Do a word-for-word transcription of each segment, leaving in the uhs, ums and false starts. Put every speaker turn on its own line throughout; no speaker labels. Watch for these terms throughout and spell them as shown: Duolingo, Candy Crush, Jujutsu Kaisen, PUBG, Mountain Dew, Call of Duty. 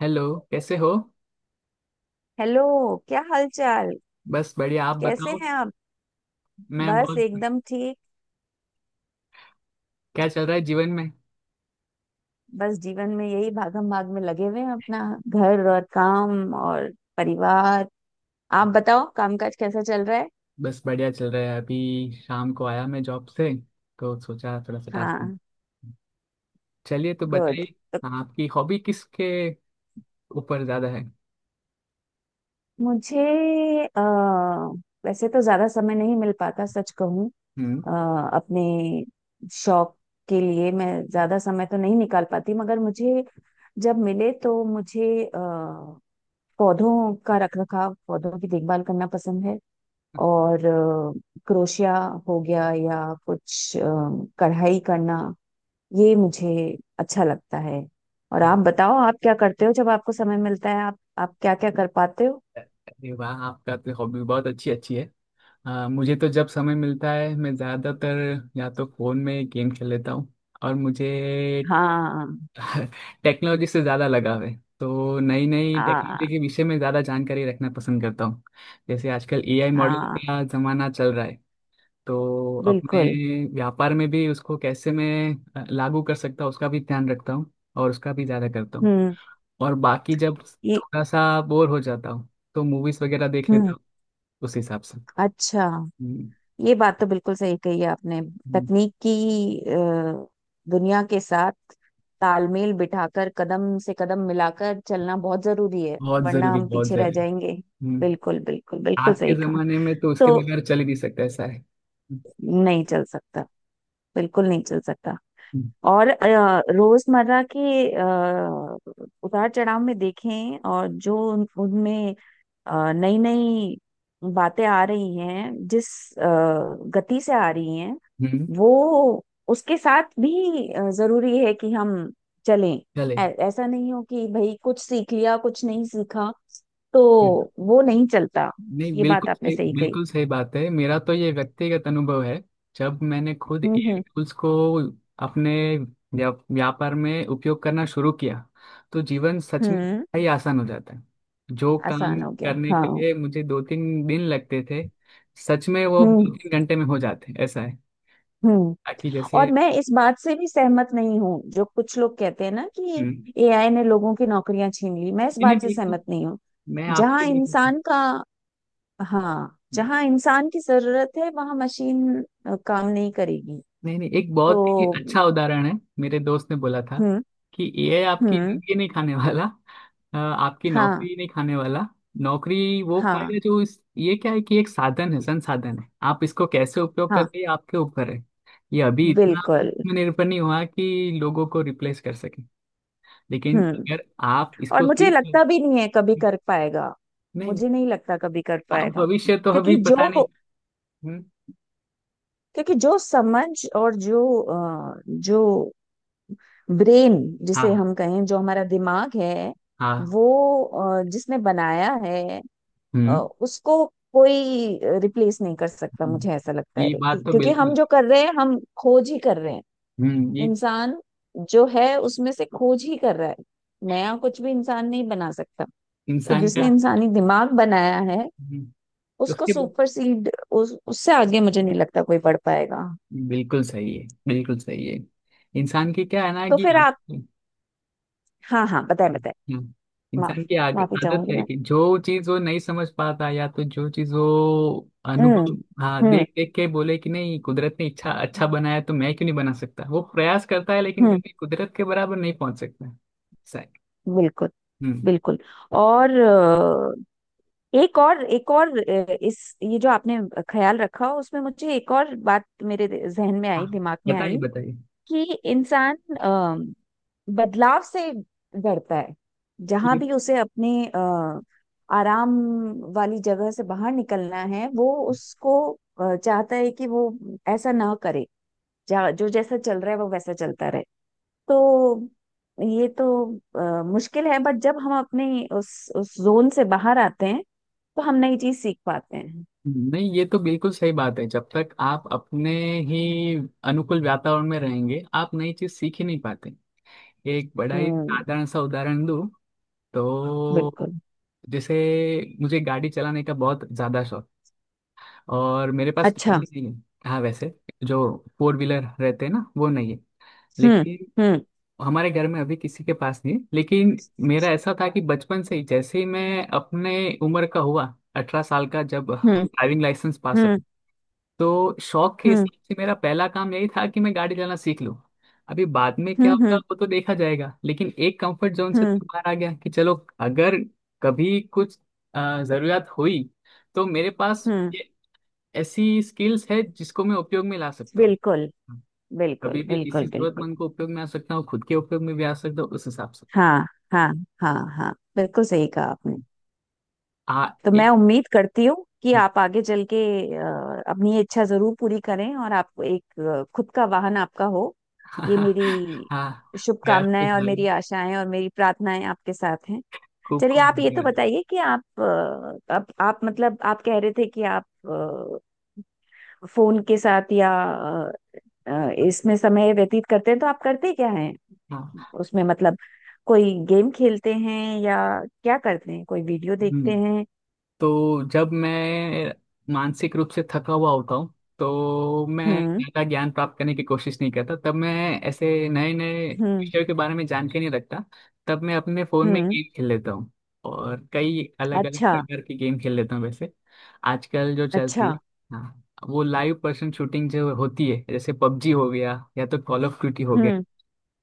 Hello. कैसे हो?
Hello. क्या हालचाल।
बस बढ़िया, आप
कैसे
बताओ।
हैं आप।
मैं
बस
बहुत।
एकदम ठीक।
क्या चल रहा है जीवन में?
बस जीवन में यही भागम भाग में लगे हुए हैं अपना घर और काम और परिवार। आप बताओ कामकाज कैसा चल रहा है।
बस बढ़िया चल रहा है, अभी शाम को आया मैं जॉब से, तो सोचा थोड़ा सा टास्क।
हाँ।
चलिए, तो
गुड।
बताइए।
तो
आपकी हॉबी किसके ऊपर ज्यादा है?
मुझे अ, वैसे तो ज्यादा समय नहीं मिल पाता सच कहूँ।
हम्म।
अ, अपने शौक के लिए मैं ज्यादा समय तो नहीं निकाल पाती मगर मुझे जब मिले तो मुझे अ, पौधों का रख रखाव, पौधों की देखभाल करना पसंद है। और क्रोशिया हो गया या कुछ अ, कढ़ाई करना, ये मुझे अच्छा लगता है। और आप बताओ आप क्या करते हो जब आपको समय मिलता है, आप आप क्या क्या कर पाते हो।
अरे वाह, आपका तो हॉबी बहुत अच्छी अच्छी है। आ, मुझे तो जब समय मिलता है मैं ज़्यादातर या तो फ़ोन में गेम खेल लेता हूँ। और मुझे
हाँ
टेक्नोलॉजी से ज़्यादा लगाव है, तो नई नई
हाँ
टेक्नोलॉजी के विषय में ज़्यादा जानकारी रखना पसंद करता हूँ। जैसे आजकल ए आई मॉडल
हाँ।
का ज़माना चल रहा है, तो अपने
बिल्कुल।
व्यापार में भी उसको कैसे मैं अ, लागू कर सकता हूँ उसका भी ध्यान रखता हूँ, और उसका भी ज़्यादा करता हूँ।
हम्म।
और बाकी जब
ये।
थोड़ा सा बोर हो जाता हूँ तो मूवीज़ वगैरह देख
हम्म।
लेता हूँ, उस हिसाब से।
अच्छा।
हम्म,
ये बात तो बिल्कुल सही कही है आपने।
हम्म,
तकनीक की अ, दुनिया के साथ तालमेल बिठाकर कदम से कदम मिलाकर चलना बहुत जरूरी है
बहुत
वरना
ज़रूरी
हम
बहुत
पीछे रह
ज़रूरी।
जाएंगे।
हम्म,
बिल्कुल बिल्कुल बिल्कुल
आज के
सही कहा।
ज़माने में तो उसके
तो
बगैर चल ही नहीं सकता, ऐसा है।
नहीं चल सकता। बिल्कुल नहीं चल सकता।
हम्म।
और अ, रोजमर्रा के अ, उतार चढ़ाव में देखें, और जो उन- उनमें नई नई बातें आ रही हैं, जिस अ, गति से आ रही हैं,
हम्म,
वो उसके साथ भी अ, जरूरी है कि हम चलें।
चले।
ऐ- ऐसा नहीं हो कि भाई कुछ सीख लिया कुछ नहीं सीखा, तो वो नहीं चलता।
नहीं,
ये
बिल्कुल
बात आपने
सही
सही कही।
बिल्कुल सही बात है, मेरा तो ये व्यक्तिगत अनुभव है। जब मैंने खुद
हम्म
ए आई
हम्म
टूल्स को अपने व्या- व्यापार में उपयोग करना शुरू किया तो जीवन सच में
हम्म।
बड़ा ही आसान हो जाता है। जो
आसान
काम
हो गया,
करने
हाँ।
के लिए मुझे दो तीन दिन लगते थे सच में वो
हम्म
दो तीन घंटे में हो जाते हैं, ऐसा है
हम्म।
ताकि जैसे।
और मैं इस बात से भी सहमत नहीं हूँ जो कुछ लोग कहते हैं ना कि
हम्म,
एआई ने लोगों की नौकरियां छीन ली। मैं इस
नहीं नहीं,
बात से
बिल्कुल,
सहमत नहीं हूँ।
मैं आपके
जहाँ
बिल्कुल।
इंसान का, हाँ, जहाँ इंसान की जरूरत है वहां मशीन अ, काम नहीं करेगी।
नहीं नहीं, एक
तो।
बहुत ही अच्छा उदाहरण है। मेरे दोस्त ने बोला था
हम्म
कि ए आई आपकी
हम्म।
जिंदगी नहीं खाने वाला, अ, आपकी
हाँ
नौकरी नहीं खाने वाला। नौकरी वो
हाँ
खाएगा जो इस ये क्या है, कि एक साधन है, संसाधन है, आप इसको कैसे उपयोग
हाँ।
करते हैं ये आपके ऊपर है। ये अभी इतना
बिल्कुल।
उसमें निर्भर नहीं हुआ कि लोगों को रिप्लेस कर सके, लेकिन
हम्म।
अगर आप
और
इसको
मुझे
सीख लें।
लगता भी नहीं है कभी कर पाएगा।
नहीं नहीं,
मुझे नहीं लगता कभी कर
आप
पाएगा।
भविष्य तो अभी
क्योंकि जो
पता नहीं। हम्म,
क्योंकि जो समझ और जो अ, जो ब्रेन,
हाँ
जिसे
हाँ।
हम कहें जो हमारा दिमाग है,
हाँ।
वो अ, जिसने बनाया है अ,
हम्म
उसको कोई रिप्लेस नहीं कर सकता,
हम्म।
मुझे ऐसा लगता है।
ये
कि-
बात तो
क्योंकि हम
बिल्कुल।
जो कर रहे हैं, हम खोज ही कर रहे हैं।
हम्म, ये
इंसान जो है उसमें से खोज ही कर रहा है। नया कुछ भी इंसान नहीं बना सकता। तो
इंसान
जिसने
का।
इंसानी दिमाग बनाया है
हम्म,
उसको
उसके बाद
सुपरसीड, उस, उससे आगे मुझे नहीं लगता कोई बढ़ पाएगा।
बिल्कुल सही है बिल्कुल सही है। इंसान की क्या है ना
तो
कि।
फिर आप।
हम्म,
हाँ हाँ, बताए बताए।
हम्म।
माफ
इंसान की आग-
माफी
आदत
चाहूंगी
है
मैं।
कि जो चीज वो नहीं समझ पाता, या तो जो चीज वो
हम्म
अनुभव, हाँ,
हम्म
देख देख के बोले कि नहीं कुदरत ने इच्छा अच्छा बनाया, तो मैं क्यों नहीं बना सकता, वो प्रयास करता है लेकिन
हम्म।
कभी कुदरत के बराबर नहीं पहुंच सकता। सही।
बिल्कुल
हम्म।
बिल्कुल। और अ, एक और एक और अ, इस ये जो आपने ख्याल रखा, उसमें मुझे एक और बात मेरे जहन में
हाँ,
आई, दिमाग में
बताइए
आई।
बताइए।
कि इंसान अ, बदलाव से डरता है। जहां भी उसे अपने अ, आराम वाली जगह से बाहर निकलना है, वो उसको अ, चाहता है कि वो ऐसा ना करे। जा, जो जैसा चल रहा है वो वैसा चलता रहे। तो ये तो अ, मुश्किल है, बट जब हम अपने उस उस जोन से बाहर आते हैं तो हम नई चीज सीख पाते हैं।
नहीं ये तो बिल्कुल सही बात है, जब तक आप अपने ही अनुकूल वातावरण में रहेंगे आप नई चीज सीख ही नहीं पाते। एक बड़ा ही
हम्म।
साधारण सा उदाहरण दूं, तो
बिल्कुल।
जैसे मुझे गाड़ी चलाने का बहुत ज्यादा शौक और मेरे पास गाड़ी
अच्छा।
नहीं है। हाँ, वैसे जो फोर व्हीलर रहते हैं ना वो नहीं है,
हम्म
लेकिन
हम्म
हमारे घर में अभी किसी के पास नहीं है। लेकिन मेरा ऐसा था कि बचपन से ही, जैसे ही मैं अपने उम्र का हुआ, अठारह साल का, जब
हम्म
ड्राइविंग लाइसेंस पास,
हम्म
तो शौक के हिसाब से मेरा पहला काम यही था कि मैं गाड़ी चलाना सीख लूं। अभी बाद में
हम्म
क्या
हम्म
होगा
हम्म
वो तो देखा जाएगा, लेकिन एक कंफर्ट जोन से
हम्म
तो बाहर आ गया कि चलो, अगर कभी कुछ अ, जरूरत हुई तो मेरे पास
हम्म,
ये ऐसी स्किल्स है जिसको मैं उपयोग में ला सकता हूँ,
बिल्कुल बिल्कुल
कभी भी किसी
बिल्कुल बिल्कुल।
जरूरतमंद को उपयोग में आ सकता हूँ, खुद के उपयोग में भी आ सकता हूँ, उस हिसाब से।
हाँ हाँ हाँ हाँ बिल्कुल सही कहा आपने।
आ।
तो मैं
एक।
उम्मीद करती हूँ कि आप आगे चल के अ, अपनी ये इच्छा जरूर पूरी करें और आप एक अ, खुद का वाहन आपका हो। ये मेरी
हाँ। प्रयास
शुभकामनाएं
कुछ
और
भाई,
मेरी आशाएं और मेरी प्रार्थनाएं आपके साथ हैं।
खूब
चलिए
खूब
आप ये तो
धन्यवाद।
बताइए कि आप अ, आप, आप मतलब आप कह रहे थे कि आप अ, फोन के साथ या अ, अ, इसमें समय व्यतीत करते हैं, तो आप करते क्या हैं।
हाँ।
उसमें मतलब कोई गेम खेलते हैं या क्या करते हैं, कोई वीडियो
हम्म।
देखते हैं।
तो जब मैं मानसिक रूप से थका हुआ होता हूँ, तो मैं
हम्म
ज्यादा ज्ञान प्राप्त करने की कोशिश नहीं करता, तब मैं ऐसे नए नए
हम्म
विषयों के बारे में जानकारी नहीं रखता, तब मैं अपने फोन में
हम्म।
गेम खेल लेता हूँ। और कई अलग अलग
अच्छा।
प्रकार की गेम खेल लेता हूँ वैसे। आजकल जो चलती
अच्छा।
है, हाँ, वो लाइव पर्सन शूटिंग जो होती है, जैसे पबजी हो गया या तो कॉल ऑफ ड्यूटी हो गया,
हम्म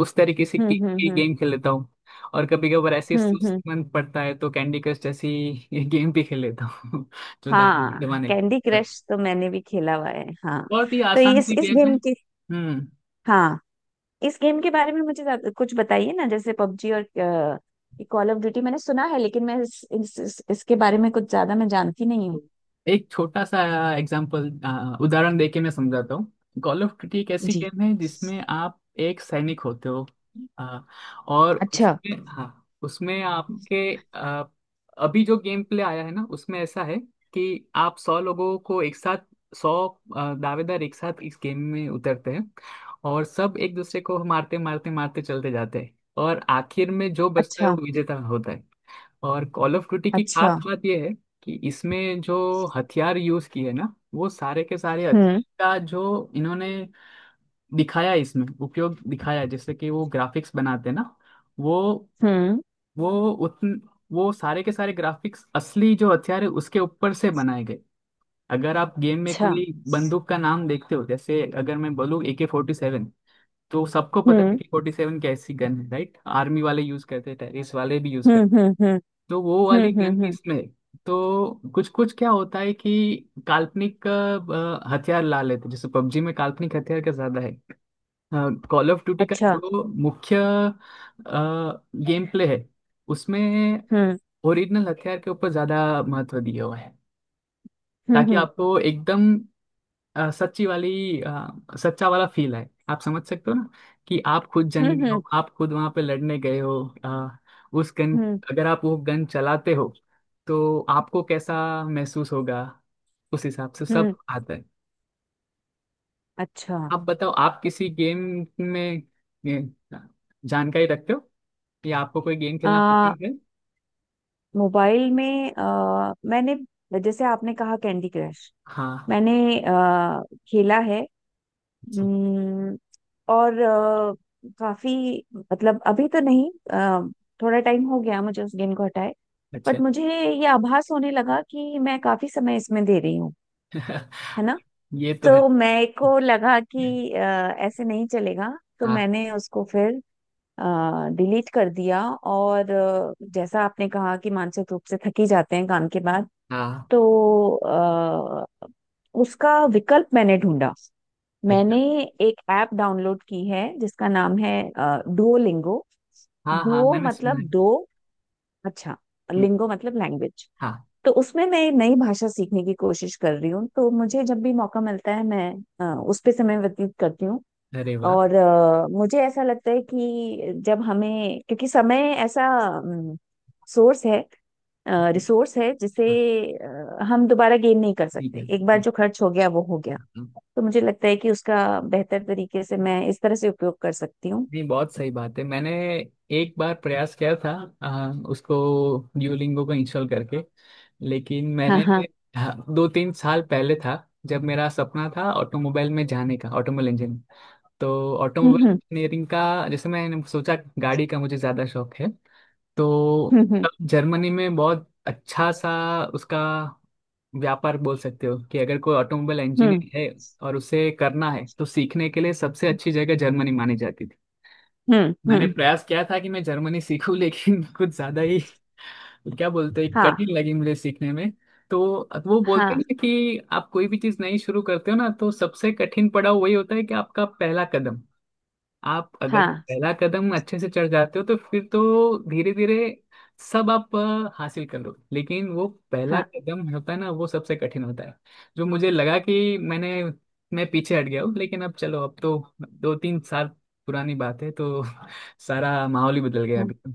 उस तरीके से के,
हम्म हम्म
के
हम्म
गेम खेल लेता हूँ। और कभी कभार ऐसे
हम्म
सुस्त
हम्म।
मन पड़ता है तो कैंडी क्रश जैसी ये गेम भी खेल लेता हूँ जो दादी के
हाँ।
जमाने की
कैंडी क्रश तो मैंने भी खेला हुआ है, हाँ।
बहुत ही
तो
आसान
इस
सी
इस
गेम है।
गेम के,
हम्म।
हाँ, इस गेम के बारे में मुझे ज्यादा- कुछ बताइए ना। जैसे पबजी और कॉल ऑफ ड्यूटी मैंने सुना है, लेकिन मैं इस, इस, इस, इसके बारे में कुछ ज्यादा मैं जानती नहीं हूँ।
एक छोटा सा एग्जाम्पल, उदाहरण देके मैं समझाता हूँ। कॉल ऑफ ड्यूटी एक ऐसी
जी।
गेम है जिसमें आप एक सैनिक होते हो, अ, और
अच्छा।
उसमें, हाँ, उसमें आपके अ, अभी जो गेम प्ले आया है ना उसमें ऐसा है कि आप सौ लोगों को एक साथ, सौ आ, दावेदार एक साथ इस गेम में उतरते हैं, और सब एक दूसरे को मारते मारते मारते चलते जाते हैं, और आखिर में जो बचता है वो
अच्छा।
विजेता होता है। और कॉल ऑफ ड्यूटी की खास
अच्छा।
बात यह है कि इसमें जो हथियार यूज किए ना वो सारे के सारे हथियार
हम्म
का, जो इन्होंने दिखाया है इसमें उपयोग दिखाया है, जैसे कि वो ग्राफिक्स बनाते हैं ना, वो
हम्म।
वो उतन वो सारे के सारे ग्राफिक्स असली जो हथियार है उसके ऊपर से बनाए गए। अगर आप गेम में
अच्छा।
कोई बंदूक का नाम देखते हो, जैसे अगर मैं बोलूँ ए के फ़ोर्टी सेवन, तो सबको पता है ए
हम्म
के फोर्टी सेवन कैसी गन है, राइट, आर्मी वाले यूज करते हैं, टेररिस्ट वाले भी यूज,
हम्म हम्म हम्म
तो वो वाली
हम्म
गन
हम्म
भी
हम्म,
इसमें है। तो कुछ कुछ क्या होता है कि काल्पनिक अ, हथियार ला लेते हैं। जैसे पबजी में काल्पनिक हथियार का ज्यादा है, कॉल ऑफ ड्यूटी का
अच्छा।
जो मुख्य गेम प्ले है उसमें
हम्म
ओरिजिनल हथियार के ऊपर ज्यादा महत्व दिया हुआ है, ताकि
हम्म
आपको एकदम अ, सच्ची वाली अ, सच्चा वाला फील है, आप समझ सकते हो ना कि आप खुद
हम्म
जंगी
हम्म हम्म
हो, आप खुद वहां पे लड़ने गए हो, अ, उस गन,
हम्म
अगर आप वो गन चलाते हो तो आपको कैसा महसूस होगा, उस हिसाब से
हम्म,
सब आता है।
अच्छा।
आप बताओ, आप किसी गेम में ये, जानकारी रखते हो, या आपको कोई गेम खेलना
आ,
पसंद है?
मोबाइल में आ, मैंने, जैसे आपने कहा, कैंडी क्रश
हाँ।
मैंने आ, खेला है।
जी।
हम्म। और आ, काफी, मतलब अभी तो नहीं, आ, थोड़ा टाइम हो गया मुझे उस गेम को हटाए। बट
अच्छा।
मुझे ये आभास होने लगा कि मैं काफी समय इसमें दे रही हूँ, है ना।
ये तो है।
तो मेरे को लगा कि आ, ऐसे नहीं चलेगा, तो
हाँ
मैंने उसको फिर डिलीट कर दिया। और अ, जैसा आपने कहा कि मानसिक रूप से थक ही जाते हैं काम के बाद,
हाँ।
तो अ, उसका विकल्प मैंने ढूंढा। मैंने
अच्छा।
एक ऐप डाउनलोड की है जिसका नाम है डुओलिंगो।
हाँ हाँ,
डुओ
मैंने सुना
मतलब
है।
दो। अच्छा।
हम्म,
लिंगो मतलब लैंग्वेज।
हाँ।
तो उसमें मैं एक नई भाषा सीखने की कोशिश कर रही हूँ, तो मुझे जब भी मौका मिलता है मैं अ, उस पे समय व्यतीत करती हूँ।
अरे वाह।
और अ, मुझे ऐसा लगता है कि जब हमें, क्योंकि समय ऐसा सोर्स है रिसोर्स है जिसे अ, हम दोबारा गेन नहीं कर
ठीक
सकते।
है
एक बार
ठीक
जो खर्च हो गया वो हो गया।
है।
तो मुझे लगता है कि उसका बेहतर तरीके से मैं इस तरह से उपयोग कर सकती हूँ।
नहीं बहुत सही बात है, मैंने एक बार प्रयास किया था आ, उसको ड्यूलिंगो को इंस्टॉल करके, लेकिन
हाँ
मैंने,
हाँ।
हाँ, दो तीन साल पहले था, जब मेरा सपना था ऑटोमोबाइल में जाने का, ऑटोमोबाइल इंजीनियर। तो ऑटोमोबाइल
हम्म
इंजीनियरिंग का, जैसे मैंने सोचा गाड़ी का मुझे ज़्यादा शौक है, तो
हम्म हम्म
जर्मनी में बहुत अच्छा सा उसका व्यापार, बोल सकते हो कि अगर कोई ऑटोमोबाइल
हम्म
इंजीनियर है और उसे करना है तो सीखने के लिए सबसे अच्छी जगह जर्मनी मानी जाती थी।
हम्म हम्म
मैंने
हम्म,
प्रयास किया था कि मैं जर्मनी सीखूं लेकिन कुछ ज्यादा ही, क्या बोलते हैं,
हाँ
कठिन लगी मुझे सीखने में। तो वो बोलते
हाँ
हैं कि आप कोई भी चीज नई शुरू करते हो ना तो सबसे कठिन पड़ाव वही होता है कि आपका पहला कदम। आप अगर
हाँ
पहला कदम अच्छे से चढ़ जाते हो तो फिर तो धीरे धीरे सब आप अ, हासिल कर लो, लेकिन वो पहला
हाँ
कदम होता है ना वो सबसे कठिन होता है। जो मुझे लगा कि मैंने, मैं पीछे हट गया हूँ, लेकिन अब चलो अब तो दो तीन साल पुरानी बात है, तो सारा माहौल ही बदल गया अभी तो।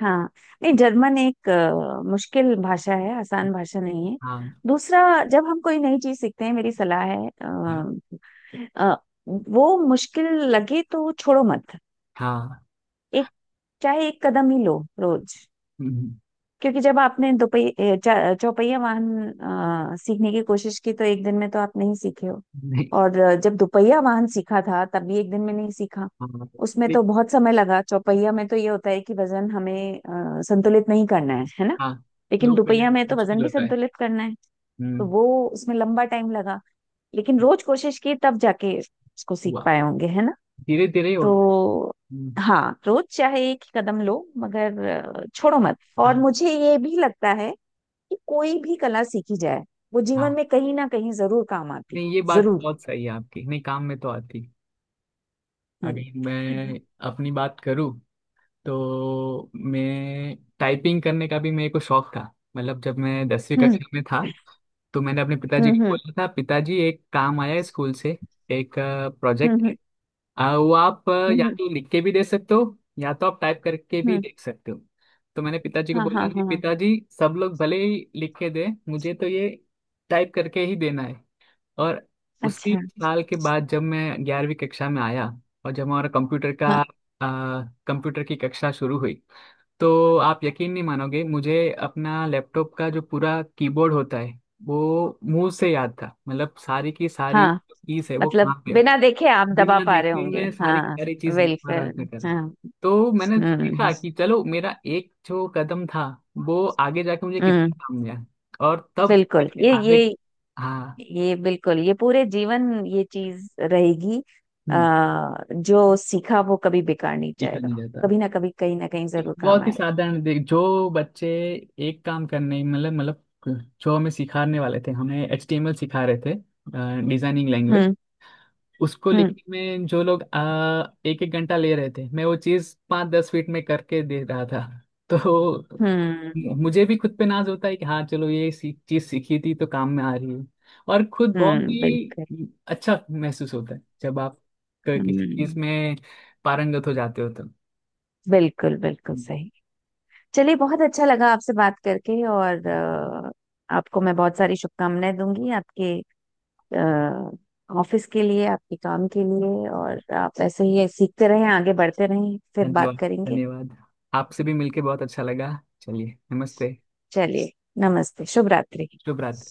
हाँ। नहीं, जर्मन एक अ, मुश्किल भाषा है, आसान भाषा नहीं है।
हाँ
दूसरा, जब हम कोई नई चीज सीखते हैं मेरी सलाह है अ, अ, वो मुश्किल लगे तो छोड़ो मत।
हाँ।
एक, चाहे एक कदम ही लो रोज।
हम्म,
क्योंकि जब आपने दोपहिया चा- चौपहिया वाहन अ, सीखने की कोशिश की तो एक दिन में तो आप नहीं सीखे हो।
नहीं।
और अ, जब दुपहिया वाहन सीखा था तब भी एक दिन में नहीं सीखा।
हाँ।
उसमें तो
लेकिन,
बहुत समय लगा। चौपहिया में तो ये होता है कि वजन हमें अ, संतुलित नहीं करना है है ना।
हाँ,
लेकिन
दो पहिया
दुपहिया में तो
मुश्किल
वजन भी
होता है।
संतुलित करना है। तो
हम्म।
वो, उसमें लंबा टाइम लगा, लेकिन रोज कोशिश की तब जाके उसको सीख
हुआ,
पाए होंगे, है ना।
धीरे धीरे होता
तो
है। हम्म,
हाँ, रोज चाहे एक ही कदम लो मगर अ, छोड़ो मत। और
हाँ
मुझे ये भी लगता है कि कोई भी कला सीखी जाए, वो जीवन
हाँ।
में कहीं ना कहीं जरूर काम आती।
नहीं ये बात
जरूर।
बहुत सही है आपकी, नहीं काम में तो आती।
हम्म
अगर मैं अपनी बात करूँ तो मैं टाइपिंग करने का भी मेरे को शौक था, मतलब जब मैं दसवीं
हम्म
कक्षा में था तो मैंने अपने
हम्म
पिताजी को
हम्म
बोला था, पिताजी एक काम आया है स्कूल से, एक प्रोजेक्ट है,
हम्म
आ, वो आप आ,
हम्म
या
हम्म
तो लिख के भी दे सकते हो या तो आप टाइप करके भी
हम्म,
देख सकते हो। तो मैंने पिताजी को
हाँ
बोला,
हाँ
नहीं
हाँ हाँ।
पिताजी, सब लोग भले ही लिख के दे, मुझे तो ये टाइप करके ही देना है। और उसी
अच्छा।
साल के बाद जब मैं ग्यारहवीं कक्षा में आया, और जब हमारा कंप्यूटर का
हाँ
आ, कंप्यूटर की कक्षा शुरू हुई, तो आप यकीन नहीं मानोगे, मुझे अपना लैपटॉप का जो पूरा कीबोर्ड होता है वो मुंह से याद था, मतलब सारी की सारी
हाँ।
कीज है वो
मतलब
कहाँ पे है।
बिना देखे आप दबा
बिना
पा रहे
देखे
होंगे,
मैं सारी की
हाँ।
सारी चीज लिख पा रहा था
बिल्कुल,
कर।
हाँ।
तो मैंने
हम्म
देखा कि चलो मेरा एक जो कदम था वो आगे जाके मुझे
हम्म।
कितना काम गया। और तब
बिल्कुल। ये
आगे,
ये
हाँ।
ये बिल्कुल, ये पूरे जीवन ये चीज रहेगी।
हम्म।
आ, जो सीखा वो कभी बेकार नहीं
देखा
जाएगा।
नहीं जाता।
कभी ना कभी, कहीं ना कहीं
एक
जरूर काम
बहुत ही
आए।
साधारण देख, जो बच्चे एक काम करने मतलब मतलब, जो हमें सिखाने वाले थे, हमें एच टी एम एल सिखा रहे थे, डिजाइनिंग लैंग्वेज,
हम्म
उसको
हम्म
लिखने में जो लोग आ, एक एक घंटा ले रहे थे मैं वो चीज पाँच दस मिनट में करके दे रहा था। तो
हम्म
मुझे भी खुद पे नाज होता है कि हाँ चलो ये सी, चीज सीखी थी तो काम में आ रही है। और खुद बहुत
हम्म। बिल्कुल।
ही अच्छा महसूस होता है जब आप क- किसी चीज
हम्म।
में पारंगत हो जाते हो, तो।
बिल्कुल बिल्कुल
हम्म।
सही। चलिए, बहुत अच्छा लगा आपसे बात करके। और अ, आपको मैं बहुत सारी शुभकामनाएं दूंगी आपके ऑफिस के लिए, आपके काम के लिए। और आप ऐसे ही सीखते रहें, आगे बढ़ते रहें। फिर
धन्यवाद,
बात करेंगे।
धन्यवाद, आपसे भी मिलके बहुत अच्छा लगा, चलिए, नमस्ते,
चलिए, नमस्ते, शुभ रात्रि।
शुभ रात्रि।